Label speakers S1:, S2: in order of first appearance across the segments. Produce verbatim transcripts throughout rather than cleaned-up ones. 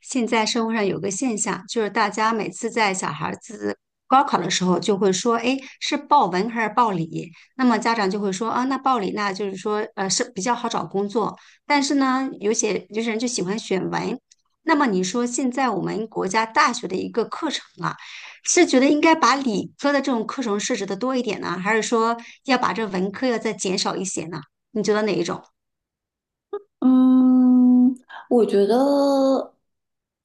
S1: 现在社会上有个现象，就是大家每次在小孩子高考的时候，就会说，哎，是报文还是报理？那么家长就会说，啊，那报理那就是说，呃，是比较好找工作。但是呢，有些有些人就喜欢选文。那么你说，现在我们国家大学的一个课程啊，是觉得应该把理科的这种课程设置的多一点呢，还是说要把这文科要再减少一些呢？你觉得哪一种？
S2: 嗯，我觉得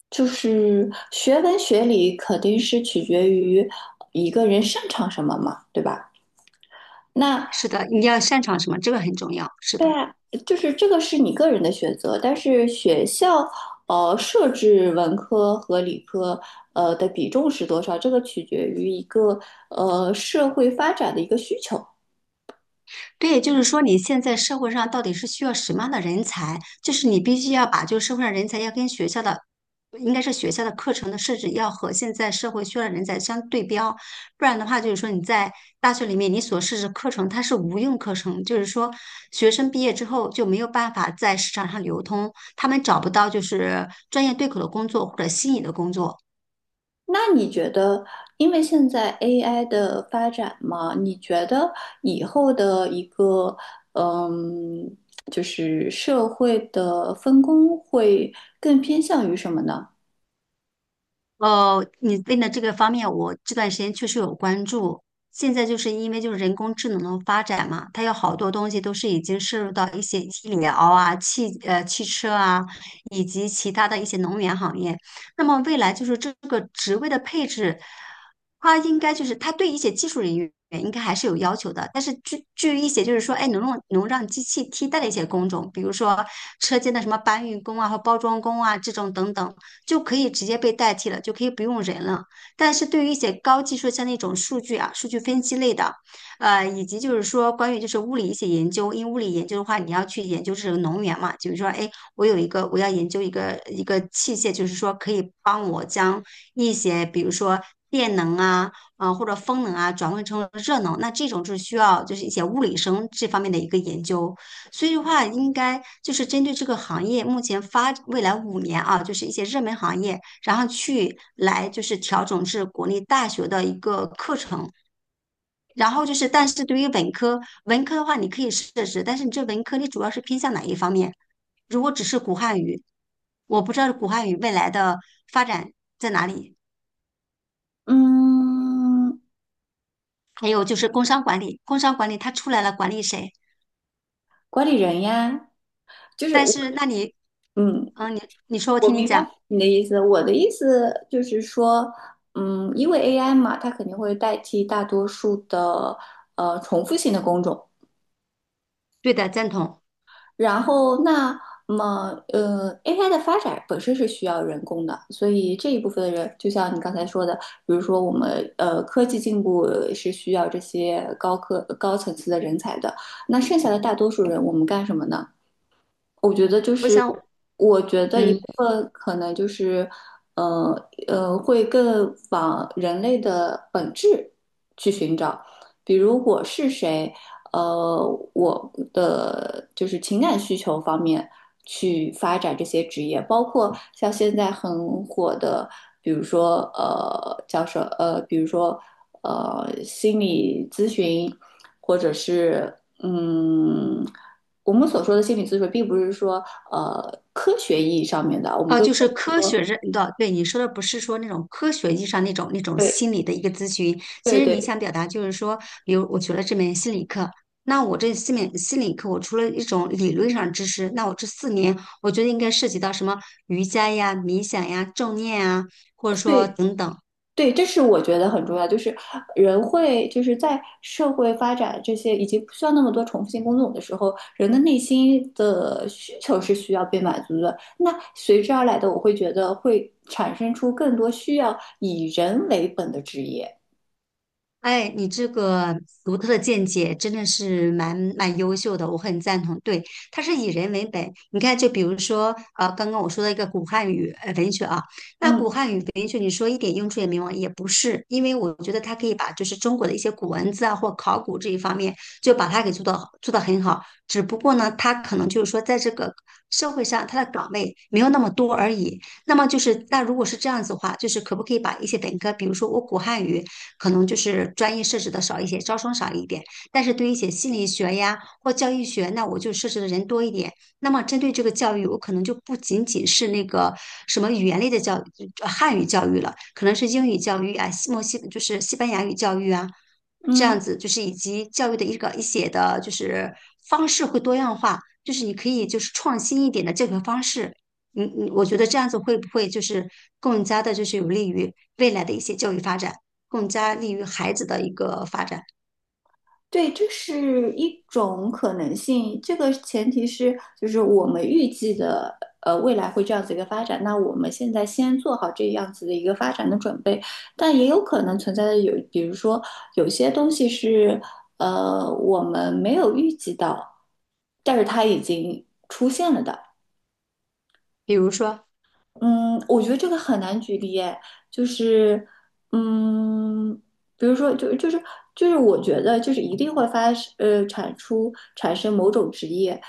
S2: 就是学文学理肯定是取决于一个人擅长什么嘛，对吧？那
S1: 是的，你要擅长什么？这个很重要。是
S2: 对
S1: 的。
S2: 啊，就是这个是你个人的选择，但是学校呃设置文科和理科呃的比重是多少，这个取决于一个呃社会发展的一个需求。
S1: 对，就是说你现在社会上到底是需要什么样的人才？就是你必须要把就是社会上人才要跟学校的，应该是学校的课程的设置要和现在社会需要的人才相对标，不然的话就是说你在大学里面你所设置课程它是无用课程，就是说学生毕业之后就没有办法在市场上流通，他们找不到就是专业对口的工作或者心仪的工作。
S2: 那你觉得，因为现在 A I 的发展嘛，你觉得以后的一个，嗯，就是社会的分工会更偏向于什么呢？
S1: 呃，你问的这个方面，我这段时间确实有关注。现在就是因为就是人工智能的发展嘛，它有好多东西都是已经涉入到一些医疗啊、汽呃汽车啊，以及其他的一些能源行业。那么未来就是这个职位的配置，它应该就是它对一些技术人员应该还是有要求的。但是据据一些就是说，哎，能让能让机器替代的一些工种，比如说车间的什么搬运工啊和包装工啊这种等等。就可以直接被代替了，就可以不用人了。但是对于一些高技术，像那种数据啊、数据分析类的，呃，以及就是说关于就是物理一些研究，因为物理研究的话，你要去研究这个能源嘛，就是说，哎，我有一个我要研究一个一个器械，就是说可以帮我将一些比如说电能啊。啊、呃或者风能啊，转换成了热能，那这种就是需要就是一些物理生这方面的一个研究。所以的话，应该就是针对这个行业目前发未来五年啊，就是一些热门行业，然后去来就是调整至国内大学的一个课程。然后就是，但是对于文科，文科的话你可以设置，但是你这文科你主要是偏向哪一方面？如果只是古汉语，我不知道古汉语未来的发展在哪里。
S2: 嗯，
S1: 还有就是工商管理，工商管理它出来了，管理谁？
S2: 管理人呀，就是
S1: 但
S2: 我，
S1: 是那你，
S2: 嗯，
S1: 嗯，你你说我
S2: 我
S1: 听你
S2: 明白
S1: 讲，
S2: 你的意思。我的意思就是说，嗯，因为 A I 嘛，它肯定会代替大多数的呃重复性的工种。
S1: 对的，赞同。
S2: 然后那么呃，A I 的发展本身是需要人工的，所以这一部分的人，就像你刚才说的，比如说我们呃科技进步是需要这些高科高层次的人才的，那剩下的大多数人，我们干什么呢？我觉得就
S1: 我
S2: 是，
S1: 想，
S2: 我觉得一部
S1: 嗯。
S2: 分可能就是，呃呃，会更往人类的本质去寻找，比如我是谁，呃，我的就是情感需求方面去发展这些职业，包括像现在很火的，比如说呃叫什呃，比如说呃心理咨询，或者是嗯。我们所说的心理咨询，并不是说呃科学意义上面的，我们
S1: 哦，
S2: 更
S1: 就是科学认的，对你说的不是说那种科学意义上那种那种
S2: 对
S1: 心理的一个咨询。
S2: 对
S1: 其实你
S2: 对
S1: 想表达就是说，比如我学了这门心理课，那我这四门心理课，我除了一种理论上知识，那我这四年，我觉得应该涉及到什么瑜伽呀、冥想呀、正念啊，或者说
S2: 对
S1: 等等。
S2: 对，这是我觉得很重要，就是人会就是在社会发展这些以及不需要那么多重复性工作的时候，人的内心的需求是需要被满足的。那随之而来的，我会觉得会产生出更多需要以人为本的职业。
S1: 哎，你这个独特的见解真的是蛮蛮优秀的，我很赞同。对，它是以人为本。你看，就比如说，呃，刚刚我说的一个古汉语呃文学啊，那
S2: 嗯
S1: 古汉语文学你说一点用处也没有吗也不是，因为我觉得它可以把就是中国的一些古文字啊或考古这一方面，就把它给做到做到很好。只不过呢，它可能就是说在这个社会上它的岗位没有那么多而已。那么就是，那如果是这样子的话，就是可不可以把一些本科，比如说我古汉语。可能就是专业设置的少一些，招生少一点。但是对于一些心理学呀或教育学，那我就设置的人多一点。那么针对这个教育，我可能就不仅仅是那个什么语言类的教育，呃汉语教育了，可能是英语教育啊，西墨西就是西班牙语教育啊，这
S2: 嗯。
S1: 样子就是以及教育的一个一些的，就是方式会多样化，就是你可以就是创新一点的教学方式。嗯嗯，我觉得这样子会不会就是更加的，就是有利于未来的一些教育发展？更加利于孩子的一个发展。
S2: 对，这是一种可能性。这个前提是，就是我们预计的，呃，未来会这样子一个发展。那我们现在先做好这样子的一个发展的准备，但也有可能存在的有，比如说有些东西是，呃，我们没有预计到，但是它已经出现了的。
S1: 比如说，
S2: 嗯，我觉得这个很难举例诶，就是，嗯，比如说，就就是就是，我觉得就是一定会发呃产出产生某种职业，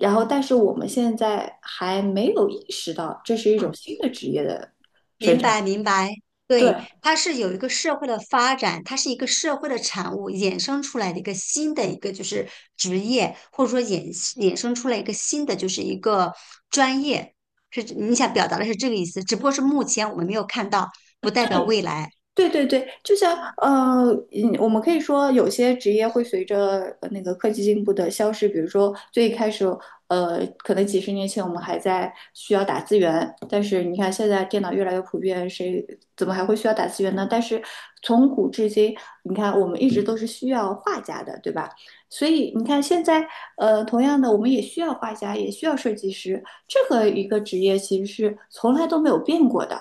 S2: 然后但是我们现在还没有意识到这是一种
S1: 嗯，
S2: 新的职业的生
S1: 明
S2: 成，
S1: 白明白，
S2: 对，
S1: 对，它是有一个社会的发展，它是一个社会的产物衍生出来的一个新的一个就是职业，或者说衍衍生出来一个新的就是一个专业，是你想表达的是这个意思，只不过是目前我们没有看到，不代表未来。
S2: 对对对，就像呃，嗯，我们可以说有些职业会随着呃那个科技进步的消失，比如说最一开始，呃，可能几十年前我们还在需要打字员，但是你看现在电脑越来越普遍，谁怎么还会需要打字员呢？但是从古至今，你看我们一直都是需要画家的，对吧？所以你看现在，呃，同样的，我们也需要画家，也需要设计师，这个一个职业其实是从来都没有变过的。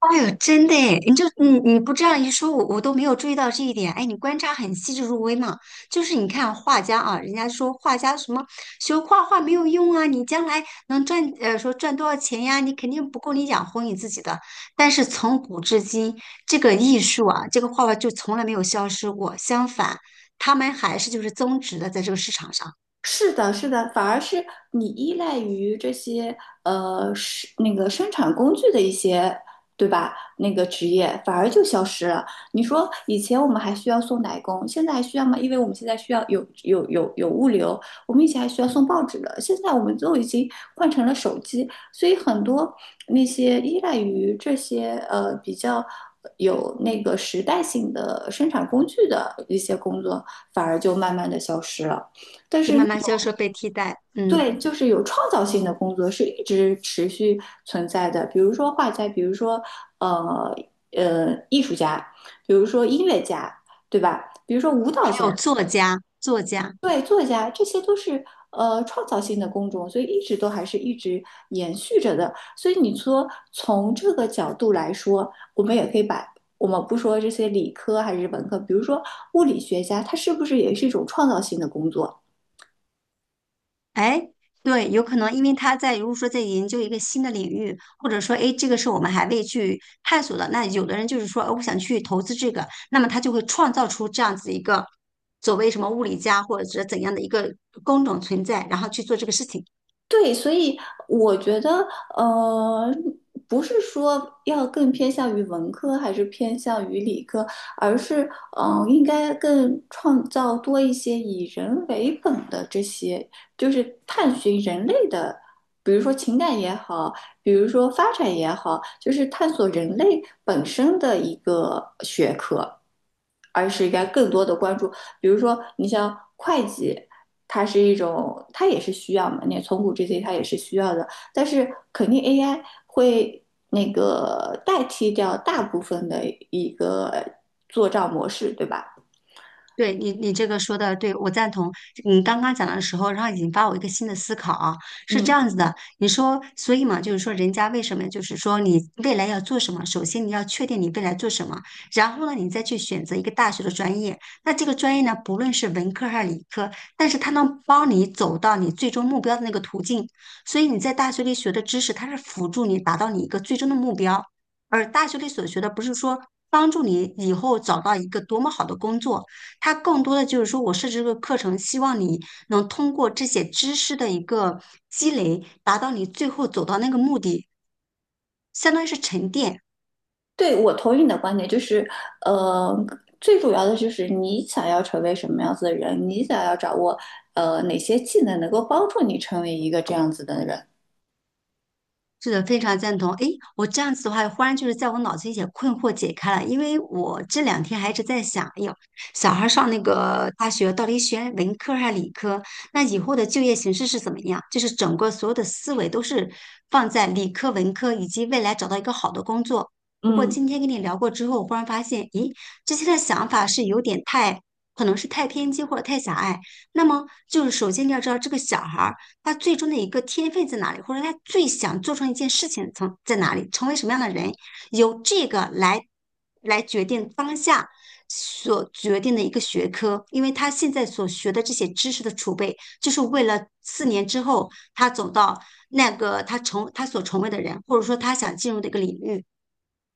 S1: 哎呦，真的诶，你就你你不这样一说，我我都没有注意到这一点。哎，你观察很细致入微嘛。就是你看画家啊，人家说画家什么学画画没有用啊，你将来能赚呃说赚多少钱呀？你肯定不够你养活你自己的。但是从古至今，这个艺术啊，这个画画就从来没有消失过，相反，他们还是就是增值的，在这个市场上
S2: 是的，是的，反而是你依赖于这些呃是那个生产工具的一些，对吧？那个职业反而就消失了。你说以前我们还需要送奶工，现在还需要吗？因为我们现在需要有有有有物流，我们以前还需要送报纸的，现在我们都已经换成了手机，所以很多那些依赖于这些呃比较有那个时代性的生产工具的一些工作，反而就慢慢的消失了。但
S1: 就
S2: 是那
S1: 慢慢消失被替代。嗯，
S2: 对，就是有创造性的工作是一直持续存在的，比如说画家，比如说呃呃艺术家，比如说音乐家，对吧？比如说舞蹈
S1: 还
S2: 家，
S1: 有作家，作家。
S2: 对，作家，这些都是呃创造性的工种，所以一直都还是一直延续着的。所以你说从这个角度来说，我们也可以把我们不说这些理科还是文科，比如说物理学家，他是不是也是一种创造性的工作？
S1: 哎，对，有可能，因为他在如果说在研究一个新的领域，或者说，哎，这个是我们还未去探索的，那有的人就是说，呃我想去投资这个，那么他就会创造出这样子一个所谓什么物理家或者是怎样的一个工种存在，然后去做这个事情。
S2: 对，所以我觉得，呃，不是说要更偏向于文科还是偏向于理科，而是，嗯、呃应该更创造多一些以人为本的这些，就是探寻人类的，比如说情感也好，比如说发展也好，就是探索人类本身的一个学科。而是应该更多的关注，比如说你像会计。它是一种，它也是需要嘛，那从古至今它也是需要的，但是肯定 A I 会那个代替掉大部分的一个做账模式，对吧？
S1: 对你，你这个说的对，我赞同。你刚刚讲的时候，然后引发我一个新的思考啊，是这
S2: 嗯，
S1: 样子的。你说，所以嘛，就是说，人家为什么就是说你未来要做什么，首先你要确定你未来做什么，然后呢，你再去选择一个大学的专业。那这个专业呢，不论是文科还是理科，但是它能帮你走到你最终目标的那个途径。所以你在大学里学的知识，它是辅助你达到你一个最终的目标，而大学里所学的不是说。帮助你以后找到一个多么好的工作，它更多的就是说我设置这个课程，希望你能通过这些知识的一个积累，达到你最后走到那个目的，相当于是沉淀。
S2: 对，我同意你的观点，就是，呃，最主要的就是你想要成为什么样子的人，你想要掌握呃哪些技能能够帮助你成为一个这样子的人，
S1: 是的，非常赞同。诶，我这样子的话，忽然就是在我脑子一些困惑解开了，因为我这两天还一直在想，哎呦，小孩上那个大学到底选文科还是理科？那以后的就业形势是怎么样？就是整个所有的思维都是放在理科、文科以及未来找到一个好的工作。不过
S2: 嗯。
S1: 今天跟你聊过之后，我忽然发现，咦，之前的想法是有点太，可能是太偏激或者太狭隘。那么就是首先你要知道这个小孩。儿。他最终的一个天分在哪里，或者他最想做成一件事情从在哪里，成为什么样的人，由这个来来决定当下所决定的一个学科，因为他现在所学的这些知识的储备，就是为了四年之后他走到那个他成他所成为的人，或者说他想进入的一个领域。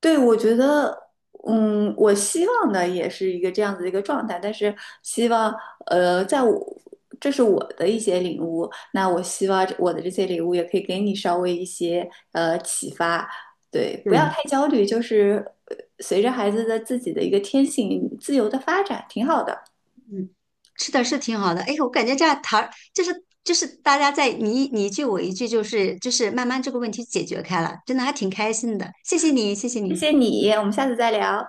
S2: 对，我觉得，嗯，我希望的也是一个这样子的一个状态，但是希望，呃，在我，这是我的一些领悟，那我希望我的这些领悟也可以给你稍微一些呃启发，对，不要
S1: 对。
S2: 太焦虑，就是呃随着孩子的自己的一个天性自由的发展，挺好的。
S1: 嗯，吃的，是挺好的。哎，我感觉这样谈，就是就是大家在你一你一句我一句，就是就是慢慢这个问题解决开了，真的还挺开心的。谢谢你，谢谢
S2: 谢
S1: 你。
S2: 谢你，我们下次再聊，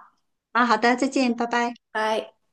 S1: 啊，好的，再见，拜拜。
S2: 拜。